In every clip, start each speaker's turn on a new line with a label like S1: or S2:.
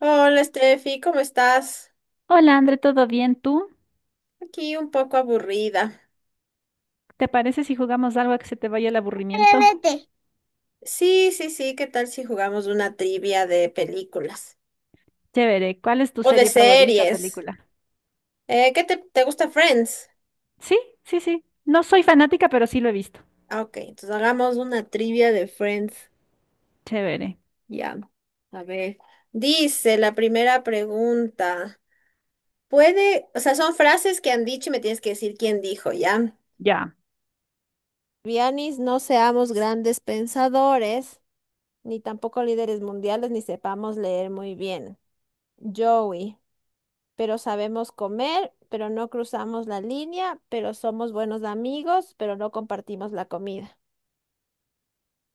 S1: Hola, Steffi, ¿cómo estás?
S2: Hola, André, ¿todo bien? ¿Tú?
S1: Aquí un poco aburrida.
S2: ¿Te parece si jugamos algo a que se te vaya el aburrimiento?
S1: Vete. Sí, sí, sí, ¿qué tal si jugamos una trivia de películas
S2: Chévere. ¿Cuál es tu
S1: o de
S2: serie favorita, o
S1: series?
S2: película?
S1: ¿Qué te gusta Friends?
S2: Sí, sí, sí. No soy fanática, pero sí lo he visto.
S1: Ah, ok, entonces hagamos una trivia de Friends.
S2: Chévere.
S1: Ya, a ver. Dice la primera pregunta. Puede, o sea, son frases que han dicho y me tienes que decir quién dijo, ¿ya?
S2: Ya.
S1: Vianis, no seamos grandes pensadores, ni tampoco líderes mundiales, ni sepamos leer muy bien. Joey, pero sabemos comer, pero no cruzamos la línea, pero somos buenos amigos, pero no compartimos la comida.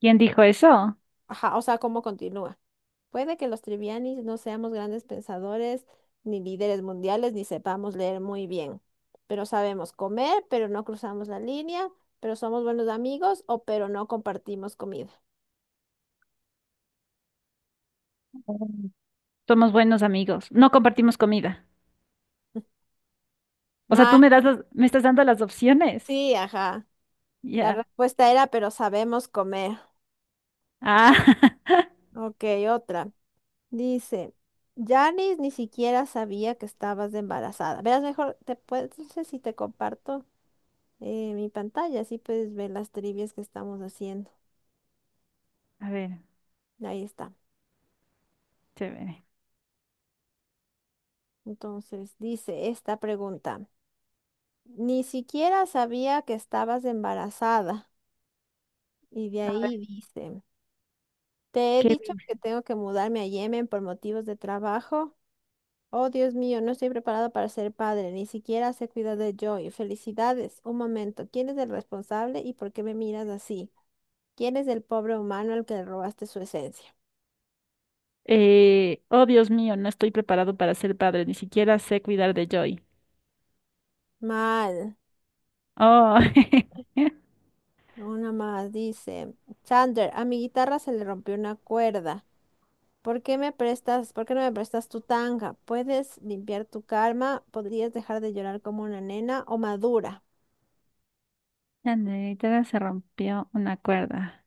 S2: ¿Quién dijo eso?
S1: Ajá, o sea, ¿cómo continúa? Puede que los trivianis no seamos grandes pensadores, ni líderes mundiales, ni sepamos leer muy bien, pero sabemos comer, pero no cruzamos la línea, pero somos buenos amigos o pero no compartimos comida.
S2: Mm. Somos buenos amigos. No compartimos comida. O sea, tú
S1: Mal,
S2: me das las- me estás dando las opciones.
S1: sí, ajá. La
S2: Ya.
S1: respuesta era, pero sabemos comer.
S2: Ah.
S1: Ok, otra. Dice, Janice ni siquiera sabía que estabas embarazada. Verás, mejor te puedes, no sé si te comparto mi pantalla, así puedes ver las trivias que estamos haciendo.
S2: A ver,
S1: Ahí está.
S2: chévere.
S1: Entonces, dice esta pregunta, ni siquiera sabía que estabas embarazada. Y de
S2: A ver,
S1: ahí dice, te he
S2: ¿qué
S1: dicho
S2: vi?
S1: que tengo que mudarme a Yemen por motivos de trabajo. Oh, Dios mío, no estoy preparado para ser padre, ni siquiera sé cuidar de Joy. Felicidades. Un momento, ¿quién es el responsable y por qué me miras así? ¿Quién es el pobre humano al que le robaste su esencia?
S2: Oh, Dios mío, no estoy preparado para ser padre. Ni siquiera sé cuidar de Joy.
S1: Mal.
S2: Oh.
S1: Una más dice, Sander, a mi guitarra se le rompió una cuerda. ¿Por qué me prestas, por qué no me prestas tu tanga? ¿Puedes limpiar tu karma? ¿Podrías dejar de llorar como una nena o madura?
S2: La negrita se rompió una cuerda.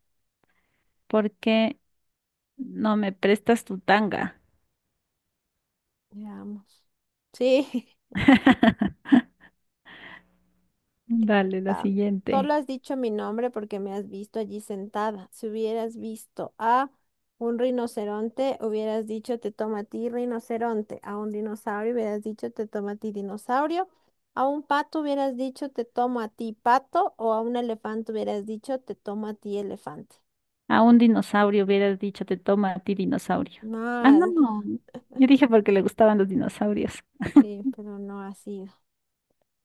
S2: ¿Por qué no me prestas tu tanga?
S1: Veamos. Sí.
S2: Dale, la
S1: Ta- Solo
S2: siguiente.
S1: has dicho mi nombre porque me has visto allí sentada. Si hubieras visto a un rinoceronte, hubieras dicho te toma a ti rinoceronte. A un dinosaurio hubieras dicho te toma a ti dinosaurio. A un pato hubieras dicho te tomo a ti pato. O a un elefante hubieras dicho te tomo a ti elefante.
S2: A un dinosaurio hubieras dicho, te toma a ti dinosaurio. Ah, no,
S1: Mal.
S2: no. Yo dije porque le gustaban los dinosaurios.
S1: Sí, pero no así.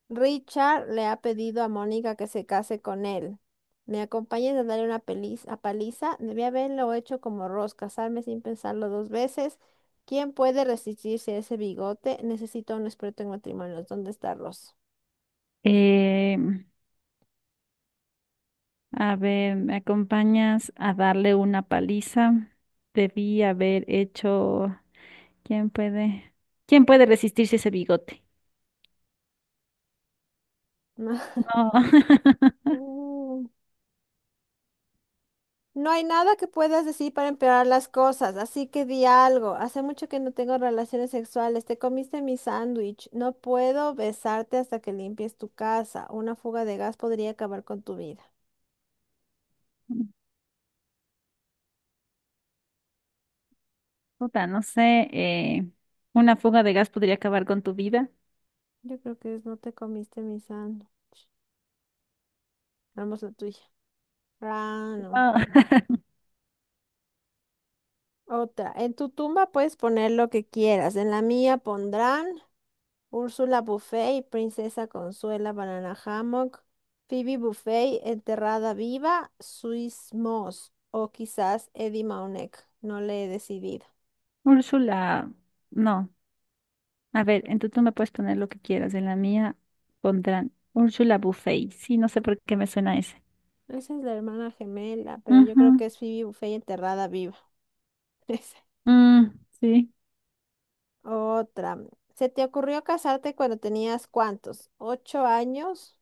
S1: Richard le ha pedido a Mónica que se case con él. Me acompañes a darle una a paliza. Debí haberlo hecho como Ross, casarme sin pensarlo dos veces. ¿Quién puede resistirse a ese bigote? Necesito a un experto en matrimonios. ¿Dónde está Ross?
S2: Eh, a ver, ¿me acompañas a darle una paliza? Debí haber hecho. ¿Quién puede, quién puede resistirse a ese bigote? No.
S1: Mm, no hay nada que puedas decir para empeorar las cosas, así que di algo. Hace mucho que no tengo relaciones sexuales. Te comiste mi sándwich. No puedo besarte hasta que limpies tu casa. Una fuga de gas podría acabar con tu vida.
S2: Puta, no sé. Una fuga de gas podría acabar con tu vida.
S1: Yo creo que es no te comiste mi sándwich. Vamos la tuya. Ah, no.
S2: No.
S1: Otra. En tu tumba puedes poner lo que quieras. En la mía pondrán Úrsula Buffet y Princesa Consuela Banana Hammock, Phoebe Buffet enterrada viva, Swiss Moss o quizás Eddie Mauneck. No le he decidido.
S2: Úrsula, no. A ver, entonces tú me puedes poner lo que quieras. En la mía pondrán Úrsula Buffet. Sí, no sé por qué me suena ese.
S1: Esa es la hermana gemela, pero yo creo que
S2: Ujú.
S1: es Phoebe Buffet enterrada viva. Esa.
S2: Mm, sí.
S1: Otra. ¿Se te ocurrió casarte cuando tenías cuántos? ¿Ocho años?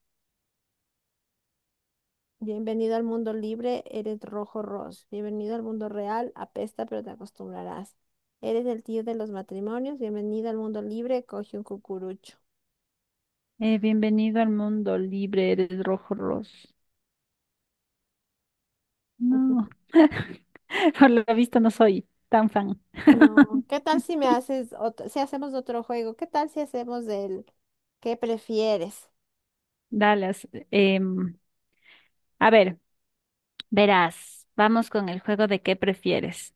S1: Bienvenido al mundo libre, eres rojo ros. Bienvenido al mundo real, apesta pero te acostumbrarás. Eres el tío de los matrimonios, bienvenido al mundo libre, coge un cucurucho.
S2: Bienvenido al mundo libre, eres rojo ros. No, por lo visto no soy tan fan.
S1: No, ¿qué tal si me haces otro, si hacemos otro juego? ¿Qué tal si hacemos el ¿qué prefieres?
S2: Dallas. A ver. Verás, vamos con el juego de qué prefieres.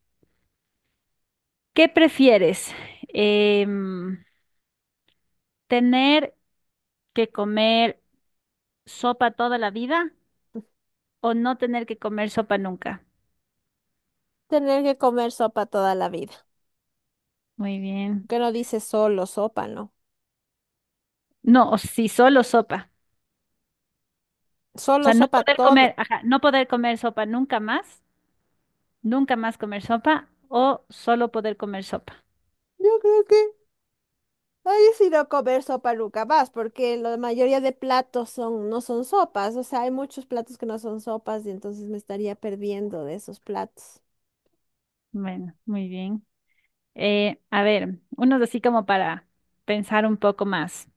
S2: ¿Qué prefieres? Em, ¿Tener que comer sopa toda la vida o no tener que comer sopa nunca?
S1: Tener que comer sopa toda la vida.
S2: Muy bien.
S1: Que no dice solo sopa, ¿no?
S2: No, o si solo sopa. O
S1: Solo
S2: sea, no
S1: sopa
S2: poder
S1: toda.
S2: comer, ajá, no poder comer sopa nunca más, nunca más comer sopa o solo poder comer sopa.
S1: Yo creo que no he decidido comer sopa nunca más, porque la mayoría de platos son, no son sopas, o sea, hay muchos platos que no son sopas y entonces me estaría perdiendo de esos platos.
S2: Bueno, muy bien. A ver, unos así como para pensar un poco más.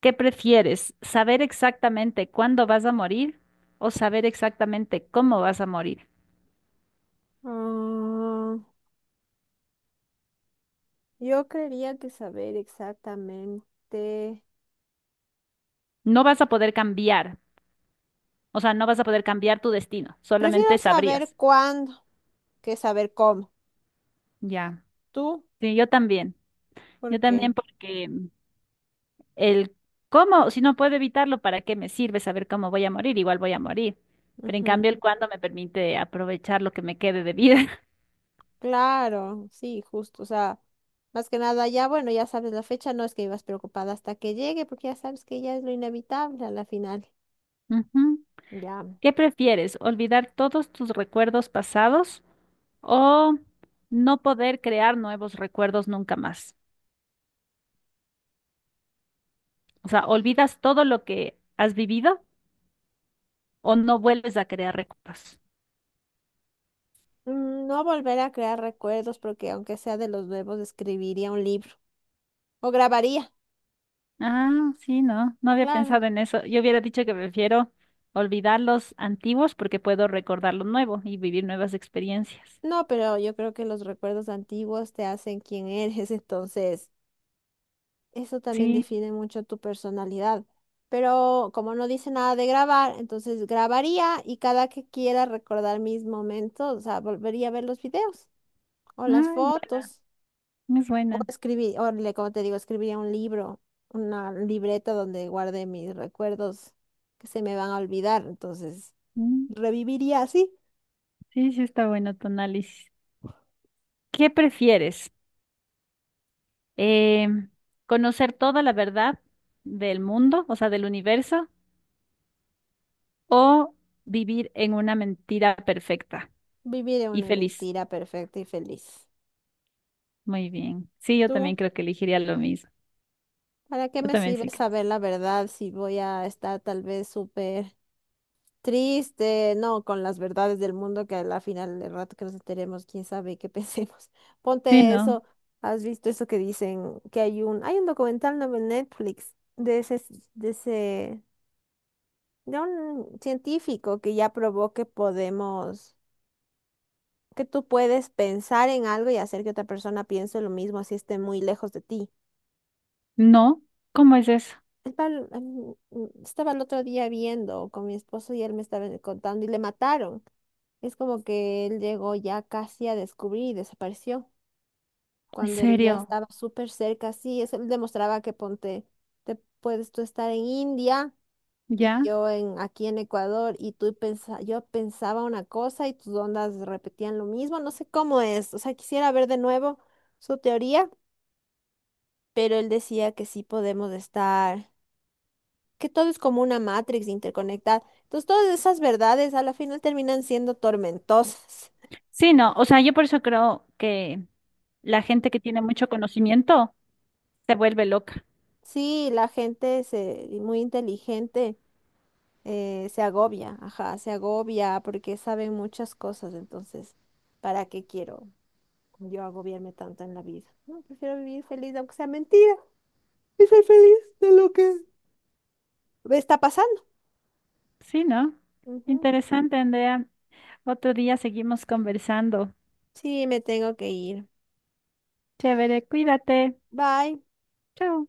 S2: ¿Qué prefieres? ¿Saber exactamente cuándo vas a morir o saber exactamente cómo vas a morir?
S1: Ah, yo creería que saber exactamente.
S2: No vas a poder cambiar, o sea, no vas a poder cambiar tu destino, solamente
S1: Prefiero saber
S2: sabrías.
S1: cuándo que saber cómo.
S2: Ya.
S1: ¿Tú?
S2: Sí, yo también. Yo
S1: ¿Por qué?
S2: también porque el cómo, si no puedo evitarlo, ¿para qué me sirve saber cómo voy a morir? Igual voy a morir. Pero en
S1: Ujú.
S2: cambio el cuándo me permite aprovechar lo que me quede de vida.
S1: Claro, sí, justo, o sea, más que nada ya, bueno, ya sabes la fecha, no es que ibas preocupada hasta que llegue, porque ya sabes que ya es lo inevitable a la final,
S2: Ujú.
S1: ya.
S2: ¿Qué prefieres? ¿Olvidar todos tus recuerdos pasados? O no poder crear nuevos recuerdos nunca más. O sea, olvidas todo lo que has vivido o no vuelves a crear recuerdos.
S1: No volver a crear recuerdos, porque aunque sea de los nuevos, escribiría un libro o grabaría,
S2: Ah, sí, no, no había
S1: claro.
S2: pensado en eso. Yo hubiera dicho que prefiero olvidar los antiguos porque puedo recordar lo nuevo y vivir nuevas experiencias.
S1: No, pero yo creo que los recuerdos antiguos te hacen quien eres, entonces eso también
S2: Sí,
S1: define mucho tu personalidad. Pero como no dice nada de grabar, entonces grabaría y cada que quiera recordar mis momentos, o sea, volvería a ver los videos o las
S2: ah, es buena,
S1: fotos
S2: es
S1: o
S2: buena.
S1: escribir, o como te digo, escribiría un libro, una libreta donde guarde mis recuerdos que se me van a olvidar. Entonces,
S2: Mm,
S1: reviviría así,
S2: sí, sí está bueno tu análisis. ¿Qué prefieres? Eh, ¿Conocer toda la verdad del mundo, o sea, del universo? O vivir en una mentira perfecta
S1: viviría
S2: y
S1: una
S2: feliz.
S1: mentira perfecta y feliz.
S2: Muy bien. Sí, yo
S1: ¿Tú?
S2: también creo que elegiría lo mismo.
S1: ¿Para qué
S2: Yo
S1: me
S2: también
S1: sirve
S2: sí creo.
S1: saber la verdad si voy a estar tal vez súper triste, no, con las verdades del mundo que a la final del rato que nos enteremos, quién sabe qué pensemos.
S2: Sí,
S1: Ponte
S2: no.
S1: eso, ¿has visto eso que dicen que hay un documental nuevo en Netflix de ese de un científico que ya probó que podemos que tú puedes pensar en algo y hacer que otra persona piense lo mismo si esté muy lejos de ti.
S2: No, ¿cómo es eso?
S1: Estaba El pal- mm, mm, estaba el otro día viendo con mi esposo y él me estaba contando y le mataron. Es como que él llegó ya casi a descubrir y desapareció
S2: ¿En
S1: cuando él ya
S2: serio?
S1: estaba súper cerca. Sí, eso él demostraba que ponte, te puedes tú estar en India y
S2: ¿Ya?
S1: yo en aquí en Ecuador y yo pensaba una cosa y tus ondas repetían lo mismo. No sé cómo es. O sea, quisiera ver de nuevo su teoría, pero él decía que sí podemos estar, que todo es como una matrix interconectada. Entonces, todas esas verdades a la final terminan siendo tormentosas.
S2: Sí, no. O sea, yo por eso creo que la gente que tiene mucho conocimiento se vuelve loca.
S1: Sí, muy inteligente se agobia, ajá, se agobia porque saben muchas cosas, entonces, ¿para qué quiero yo agobiarme tanto en la vida? No, prefiero vivir feliz, aunque sea mentira, y ser feliz de lo que me está pasando.
S2: Sí, ¿no?
S1: Ujú.
S2: Interesante, Andrea. Otro día seguimos conversando.
S1: Sí, me tengo que ir.
S2: Chévere, cuídate.
S1: Bye.
S2: Chao.